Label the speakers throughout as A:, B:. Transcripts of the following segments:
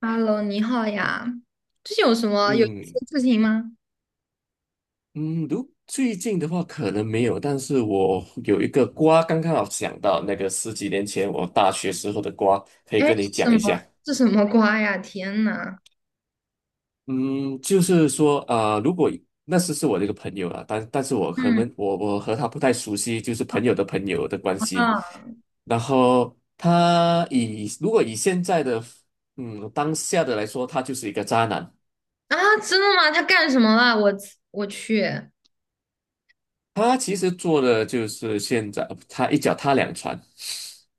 A: Hello，你好呀，最近有什么有意思
B: 嗯
A: 的事情吗？
B: 嗯，如最近的话可能没有，但是我有一个瓜，刚刚好想到那个十几年前我大学时候的瓜，可以
A: 哎，
B: 跟你
A: 是
B: 讲
A: 什
B: 一
A: 么？
B: 下。
A: 是什么瓜呀？天呐！
B: 嗯，就是说，那时是我的一个朋友了，但是我可
A: 嗯
B: 能我我和他不太熟悉，就是朋友的朋友的关系。
A: 啊
B: 然后他以如果以现在的嗯当下的来说，他就是一个渣男。
A: 啊，真的吗？他干什么了？我去，
B: 他其实做的就是现在他一脚踏两船。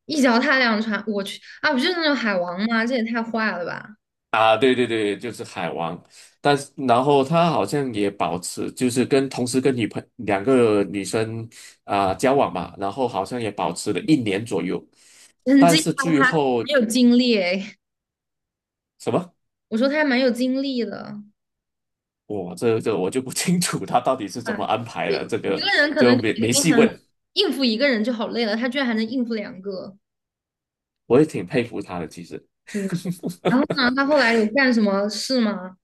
A: 一脚踏两船，我去啊！不就是那种海王吗？这也太坏了吧！
B: 啊，对对对，就是海王，但是然后他好像也保持，就是同时跟两个女生啊、交往嘛，然后好像也保持了一年左右，
A: 人惊
B: 但是
A: 讶
B: 最
A: 他
B: 后
A: 没有精力哎，
B: 什么，
A: 我说他还蛮有精力的。
B: 我这这我就不清楚他到底是怎么
A: 哎，
B: 安排
A: 就
B: 的，这
A: 一
B: 个
A: 个人可
B: 就
A: 能就
B: 没
A: 已
B: 没
A: 经
B: 细
A: 很
B: 问，
A: 应付一个人就好累了，他居然还能应付两个。
B: 我也挺佩服他的，其实。
A: 对。然后呢，他后来有干什么事吗？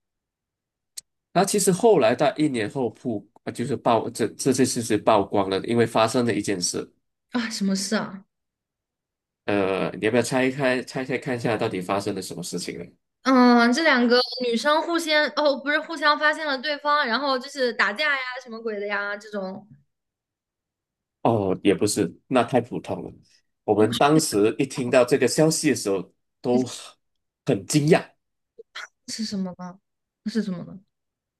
B: 那其实后来在一年后曝，呃就是曝这这这事实曝光了，因为发生了一件事。
A: 啊，什么事啊？
B: 你要不要拆开拆开看一下到底发生了什么事情呢？
A: 嗯，这两个女生互相，哦，不是互相发现了对方，然后就是打架呀，什么鬼的呀，这种，
B: 哦，也不是，那太普通了。我们当时一听到这个消息的时候，都很惊讶。
A: 是什么呢？那是什么呢？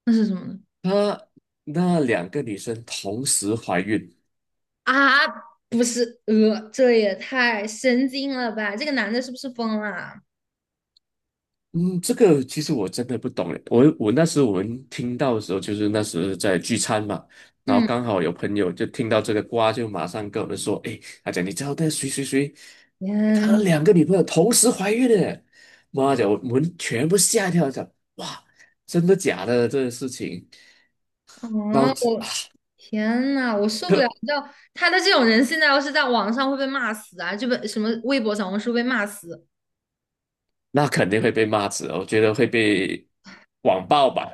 A: 那是什么呢？
B: 她那两个女生同时怀孕，
A: 啊，不是，这也太神经了吧！这个男的是不是疯了啊。
B: 嗯，这个其实我真的不懂诶。那时我们听到的时候，就是那时在聚餐嘛，然后
A: 嗯，
B: 刚好有朋友就听到这个瓜，就马上跟我们说："诶，他讲你知道那谁谁谁，他
A: 天，
B: 两个女朋友同时怀孕了欸。"妈的，我们全部吓一跳，讲哇，真的假的这个事情？
A: 哦，
B: 然后啊，
A: 我天呐，我受不了！
B: 呵
A: 你知道他的这种人，现在要是在网上会被骂死啊，就被什么微博、小红书被骂死。
B: 那肯定会被骂死哦，我觉得会被网暴吧。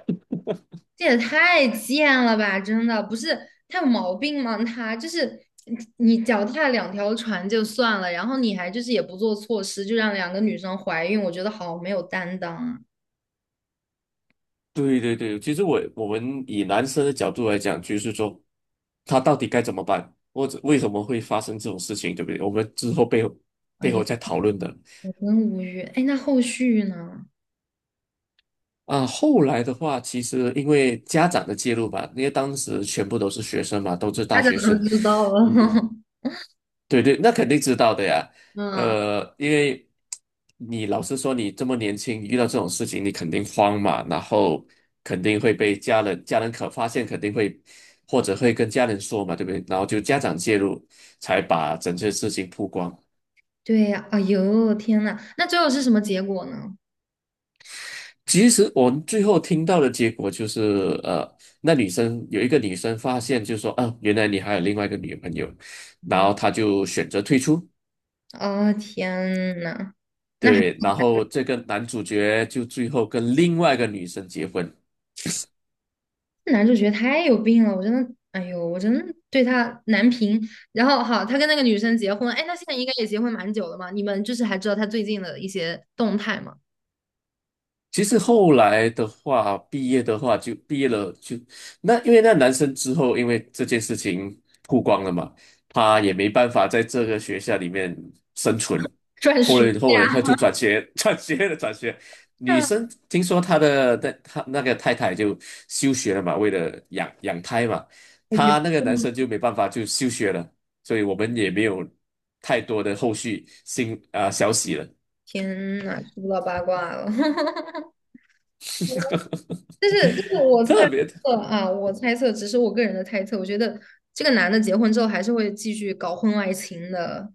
A: 这也太贱了吧！真的不是他有毛病吗？他就是你脚踏两条船就算了，然后你还就是也不做措施，就让两个女生怀孕，我觉得好没有担当啊！
B: 对对对，其实我们以男生的角度来讲，就是说他到底该怎么办，或者为什么会发生这种事情，对不对？我们之后背后
A: 哎
B: 背
A: 呀，
B: 后再讨论的
A: 我真无语。哎，那后续呢？
B: 啊。后来的话，其实因为家长的介入吧，因为当时全部都是学生嘛，都是
A: 大
B: 大
A: 家
B: 学
A: 都
B: 生，
A: 知道了。
B: 对对，那肯定知道的呀。
A: 嗯，
B: 因为你老实说，你这么年轻，遇到这种事情，你肯定慌嘛，然后肯定会被家人可发现，肯定会或者会跟家人说嘛，对不对？然后就家长介入，才把整件事情曝光。
A: 对呀。哎呦，天呐，那最后是什么结果呢？
B: 其实我们最后听到的结果就是，呃，那女生有一个女生发现，就说，啊，原来你还有另外一个女朋友，然后她就选择退出。
A: 哦，天呐，那还。
B: 对，然后这个男主角就最后跟另外一个女生结婚，
A: 男主角太有病了，我真的，哎呦，我真的对他难评。然后好，他跟那个女生结婚，哎，那现在应该也结婚蛮久了嘛？你们就是还知道他最近的一些动态吗？
B: 其实后来的话，毕业的话就毕业了就，那因为那男生之后，因为这件事情曝光了嘛，他也没办法在这个学校里面生存。
A: 转
B: 后
A: 学
B: 来后来他就转学，转学了，转学。女
A: 啊，
B: 生听说他那个太太就休学了嘛，为了养胎嘛，
A: 哎呦，
B: 他那个男生就没办法就休学了，所以我们也没有太多的后续消息了。
A: 天呐，知不到八卦了。但是，就是我 猜
B: 特别
A: 测啊，我猜测，只是我个人的猜测。我觉得这个男的结婚之后还是会继续搞婚外情的。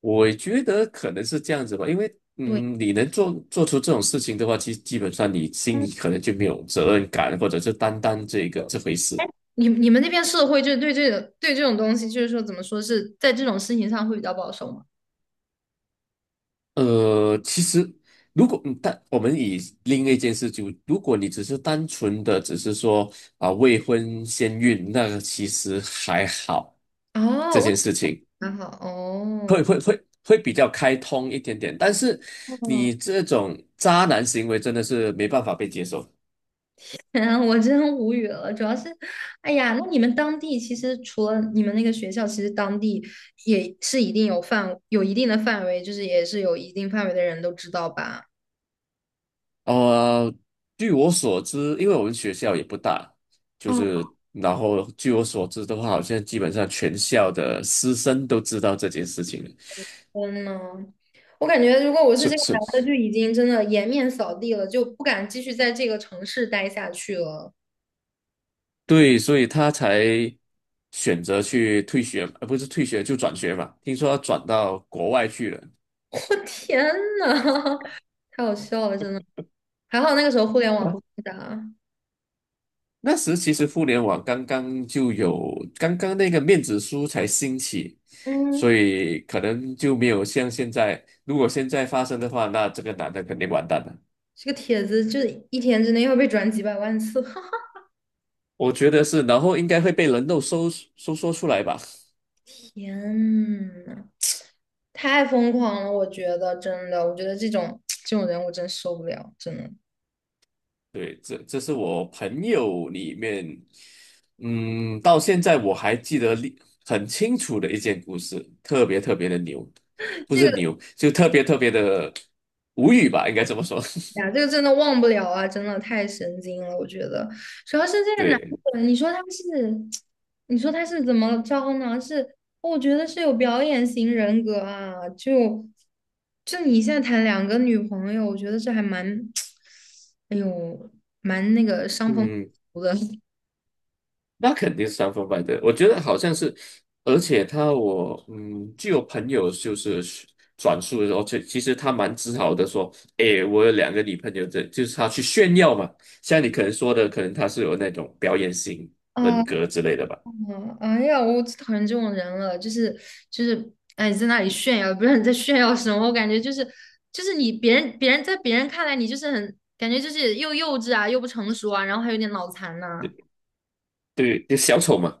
B: 我觉得可能是这样子吧，因为
A: 对，
B: 你能做出这种事情的话，其实基本上你心里
A: 嗯
B: 可能就没有责任感，或者是担当这个这回事。
A: 你你们那边社会就是对这种东西，就是说怎么说是在这种事情上会比较保守吗？
B: 其实如果嗯但我们以另一件事就，如果你只是单纯的说啊未婚先孕，那个其实还好，这
A: 哦，
B: 件事情
A: 还好
B: 会
A: 哦。
B: 会会会比较开通一点点，但是
A: 哦，
B: 你这种渣男行为真的是没办法被接受。
A: 天啊 我真无语了。主要是，哎呀，那你们当地其实除了你们那个学校，其实当地也是一定有范，有一定的范围，就是也是有一定范围的人都知道吧？
B: 呃，据我所知，因为我们学校也不大，就
A: 哦，
B: 是然后据我所知的话，好像基本上全校的师生都知道这件事情了。
A: 天呐，我感觉如果我是这
B: 是
A: 个
B: 是，
A: 男的，就已经真的颜面扫地了，就不敢继续在这个城市待下去了。
B: 对，所以他才选择去退学，不是退学就转学嘛。听说他转到国外去了。
A: 我天呐，太好笑了，真的。还好那个时候互联网
B: 啊，
A: 不发达。
B: 那时其实互联网刚刚就有，刚刚那个面子书才兴起，所
A: 嗯。
B: 以可能就没有像现在，如果现在发生的话，那这个男的肯定完蛋了。
A: 这个帖子就是一天之内要被转几百万次，
B: 我觉得是，然后应该会被人肉搜索出来吧？
A: 天呐，太疯狂了！我觉得真的，我觉得这种人我真受不了，真的。
B: 对，这是我朋友里面，到现在我还记得很清楚的一件故事，特别特别的牛，不
A: 这
B: 是
A: 个
B: 牛，就特别特别的无语吧，应该这么说。
A: 哎呀，这 个真的忘不了啊，真的太神经了，我觉得。主要是这个男
B: 对，
A: 的，你说他是，你说他是怎么着呢？是，我觉得是有表演型人格啊，就你现在谈两个女朋友，我觉得这还蛮，哎呦，蛮那个伤风。
B: 嗯，
A: 的。
B: 那肯定是三分半的，我觉得好像是，而且我据我朋友就是转述的时候，其实他蛮自豪的说，诶，我有两个女朋友这就是他去炫耀嘛。像你可能说的，可能他是有那种表演型 人
A: 啊
B: 格之类的吧，
A: 嗯，哎呀，我最讨厌这种人了，就是，哎，在那里炫耀，不知道你在炫耀什么，我感觉就是你别人在别人看来你就是很感觉就是又幼稚啊，又不成熟啊，然后还有点脑残呐、
B: 对对，就小丑嘛，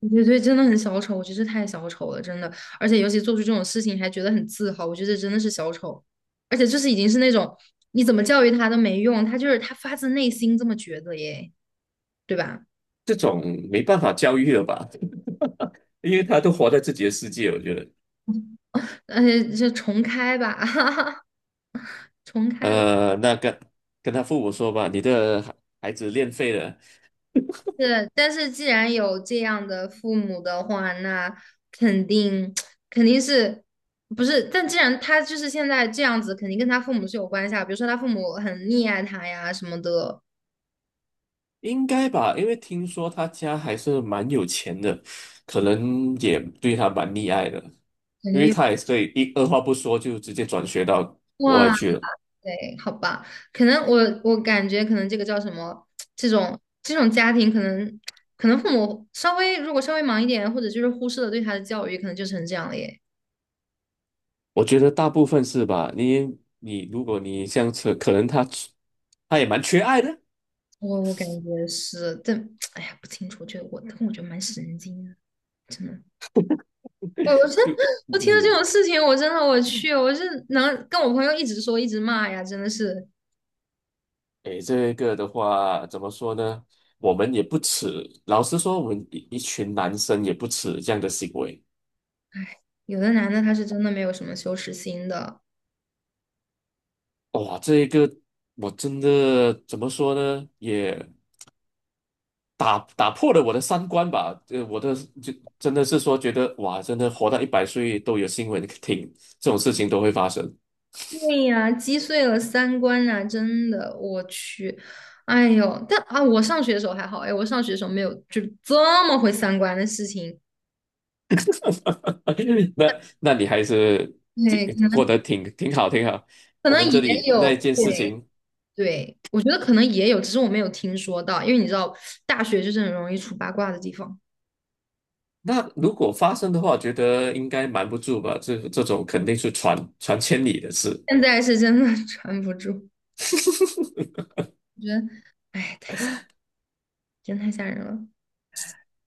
A: 我觉得对，真的很小丑，我觉得这太小丑了，真的，而且尤其做出这种事情还觉得很自豪，我觉得真的是小丑，而且就是已经是那种你怎么教育他都没用，他就是他发自内心这么觉得耶，对吧？
B: 这种没办法教育了吧，因为他都活在自己的世界，我觉得，
A: 而且就重开吧，
B: 那跟他父母说吧，你的孩子练废了。
A: 是，但是既然有这样的父母的话，那肯定 肯定是不是？但既然他就是现在这样子，肯定跟他父母是有关系啊。比如说他父母很溺爱他呀什么的，
B: 应该吧，因为听说他家还是蛮有钱的，可能也对他蛮溺爱的，
A: 感
B: 因
A: 觉
B: 为
A: 有
B: 他也是对一二话不说就直接转学到国外
A: 哇
B: 去了。
A: 对，好吧？可能我感觉可能这个叫什么？这种家庭可能父母稍微如果稍微忙一点，或者就是忽视了对他的教育，可能就成这样了耶。
B: 我觉得大部分是吧？你如果这样子，可能他也蛮缺爱的，
A: 我感觉是，但 哎呀不清楚，我觉得蛮神经的，真的。我真，
B: 就
A: 我听到
B: 嗯
A: 这
B: 嗯，
A: 种事情，我真的我去，我是能跟我朋友一直说一直骂呀，真的是
B: 诶，这个的话怎么说呢？我们也不耻，老实说，我们一群男生也不耻这样的行为。
A: 有的男的他是真的没有什么羞耻心的，
B: 哇，这一个我真的怎么说呢？也。打破了我的三观吧，我的就真的是说觉得哇，真的活到100岁都有新闻听，这种事情都会发生。
A: 对呀，击碎了三观啊，真的，我去，哎呦，但啊，我上学的时候还好，哎，我上学的时候没有这么毁三观的事情，
B: 那你还是挺
A: 对，
B: 过得挺好，挺好。
A: 可
B: 我
A: 能
B: 们
A: 也
B: 这里那
A: 有，
B: 一件事
A: 对
B: 情，
A: 对，我觉得可能也有，只是我没有听说到，因为你知道，大学就是很容易出八卦的地方，
B: 那如果发生的话，觉得应该瞒不住吧？这种肯定是传千里的事，
A: 现在是真的 传不住，我觉得，哎，太。真太吓人了。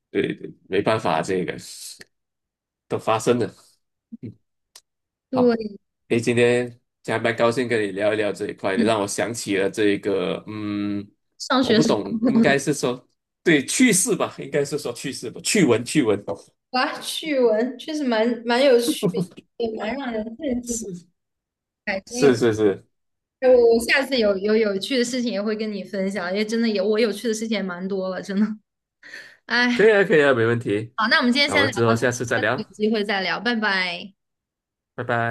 B: 对对，没办法，这个都发生了。嗯，好。
A: 对，
B: 诶，今天加蛮高兴跟你聊一聊这一块，你
A: 嗯，
B: 让我想起了这个，
A: 上
B: 我
A: 学
B: 不
A: 时候
B: 懂，应该是说对趣事吧，应该是说趣事吧，趣闻趣闻，
A: 哇，趣闻确实蛮有趣也蛮让人震惊，
B: 是
A: 还真有。
B: 是是是，
A: 哎我下次有趣的事情也会跟你分享，因为真的有我有趣的事情也蛮多了，真的。
B: 可
A: 哎，
B: 以啊可以啊，没问题，
A: 好，那我们今天
B: 那我
A: 先
B: 们
A: 聊
B: 之后
A: 到这，
B: 下次再
A: 下次有
B: 聊，
A: 机会再聊，拜拜。
B: 拜拜。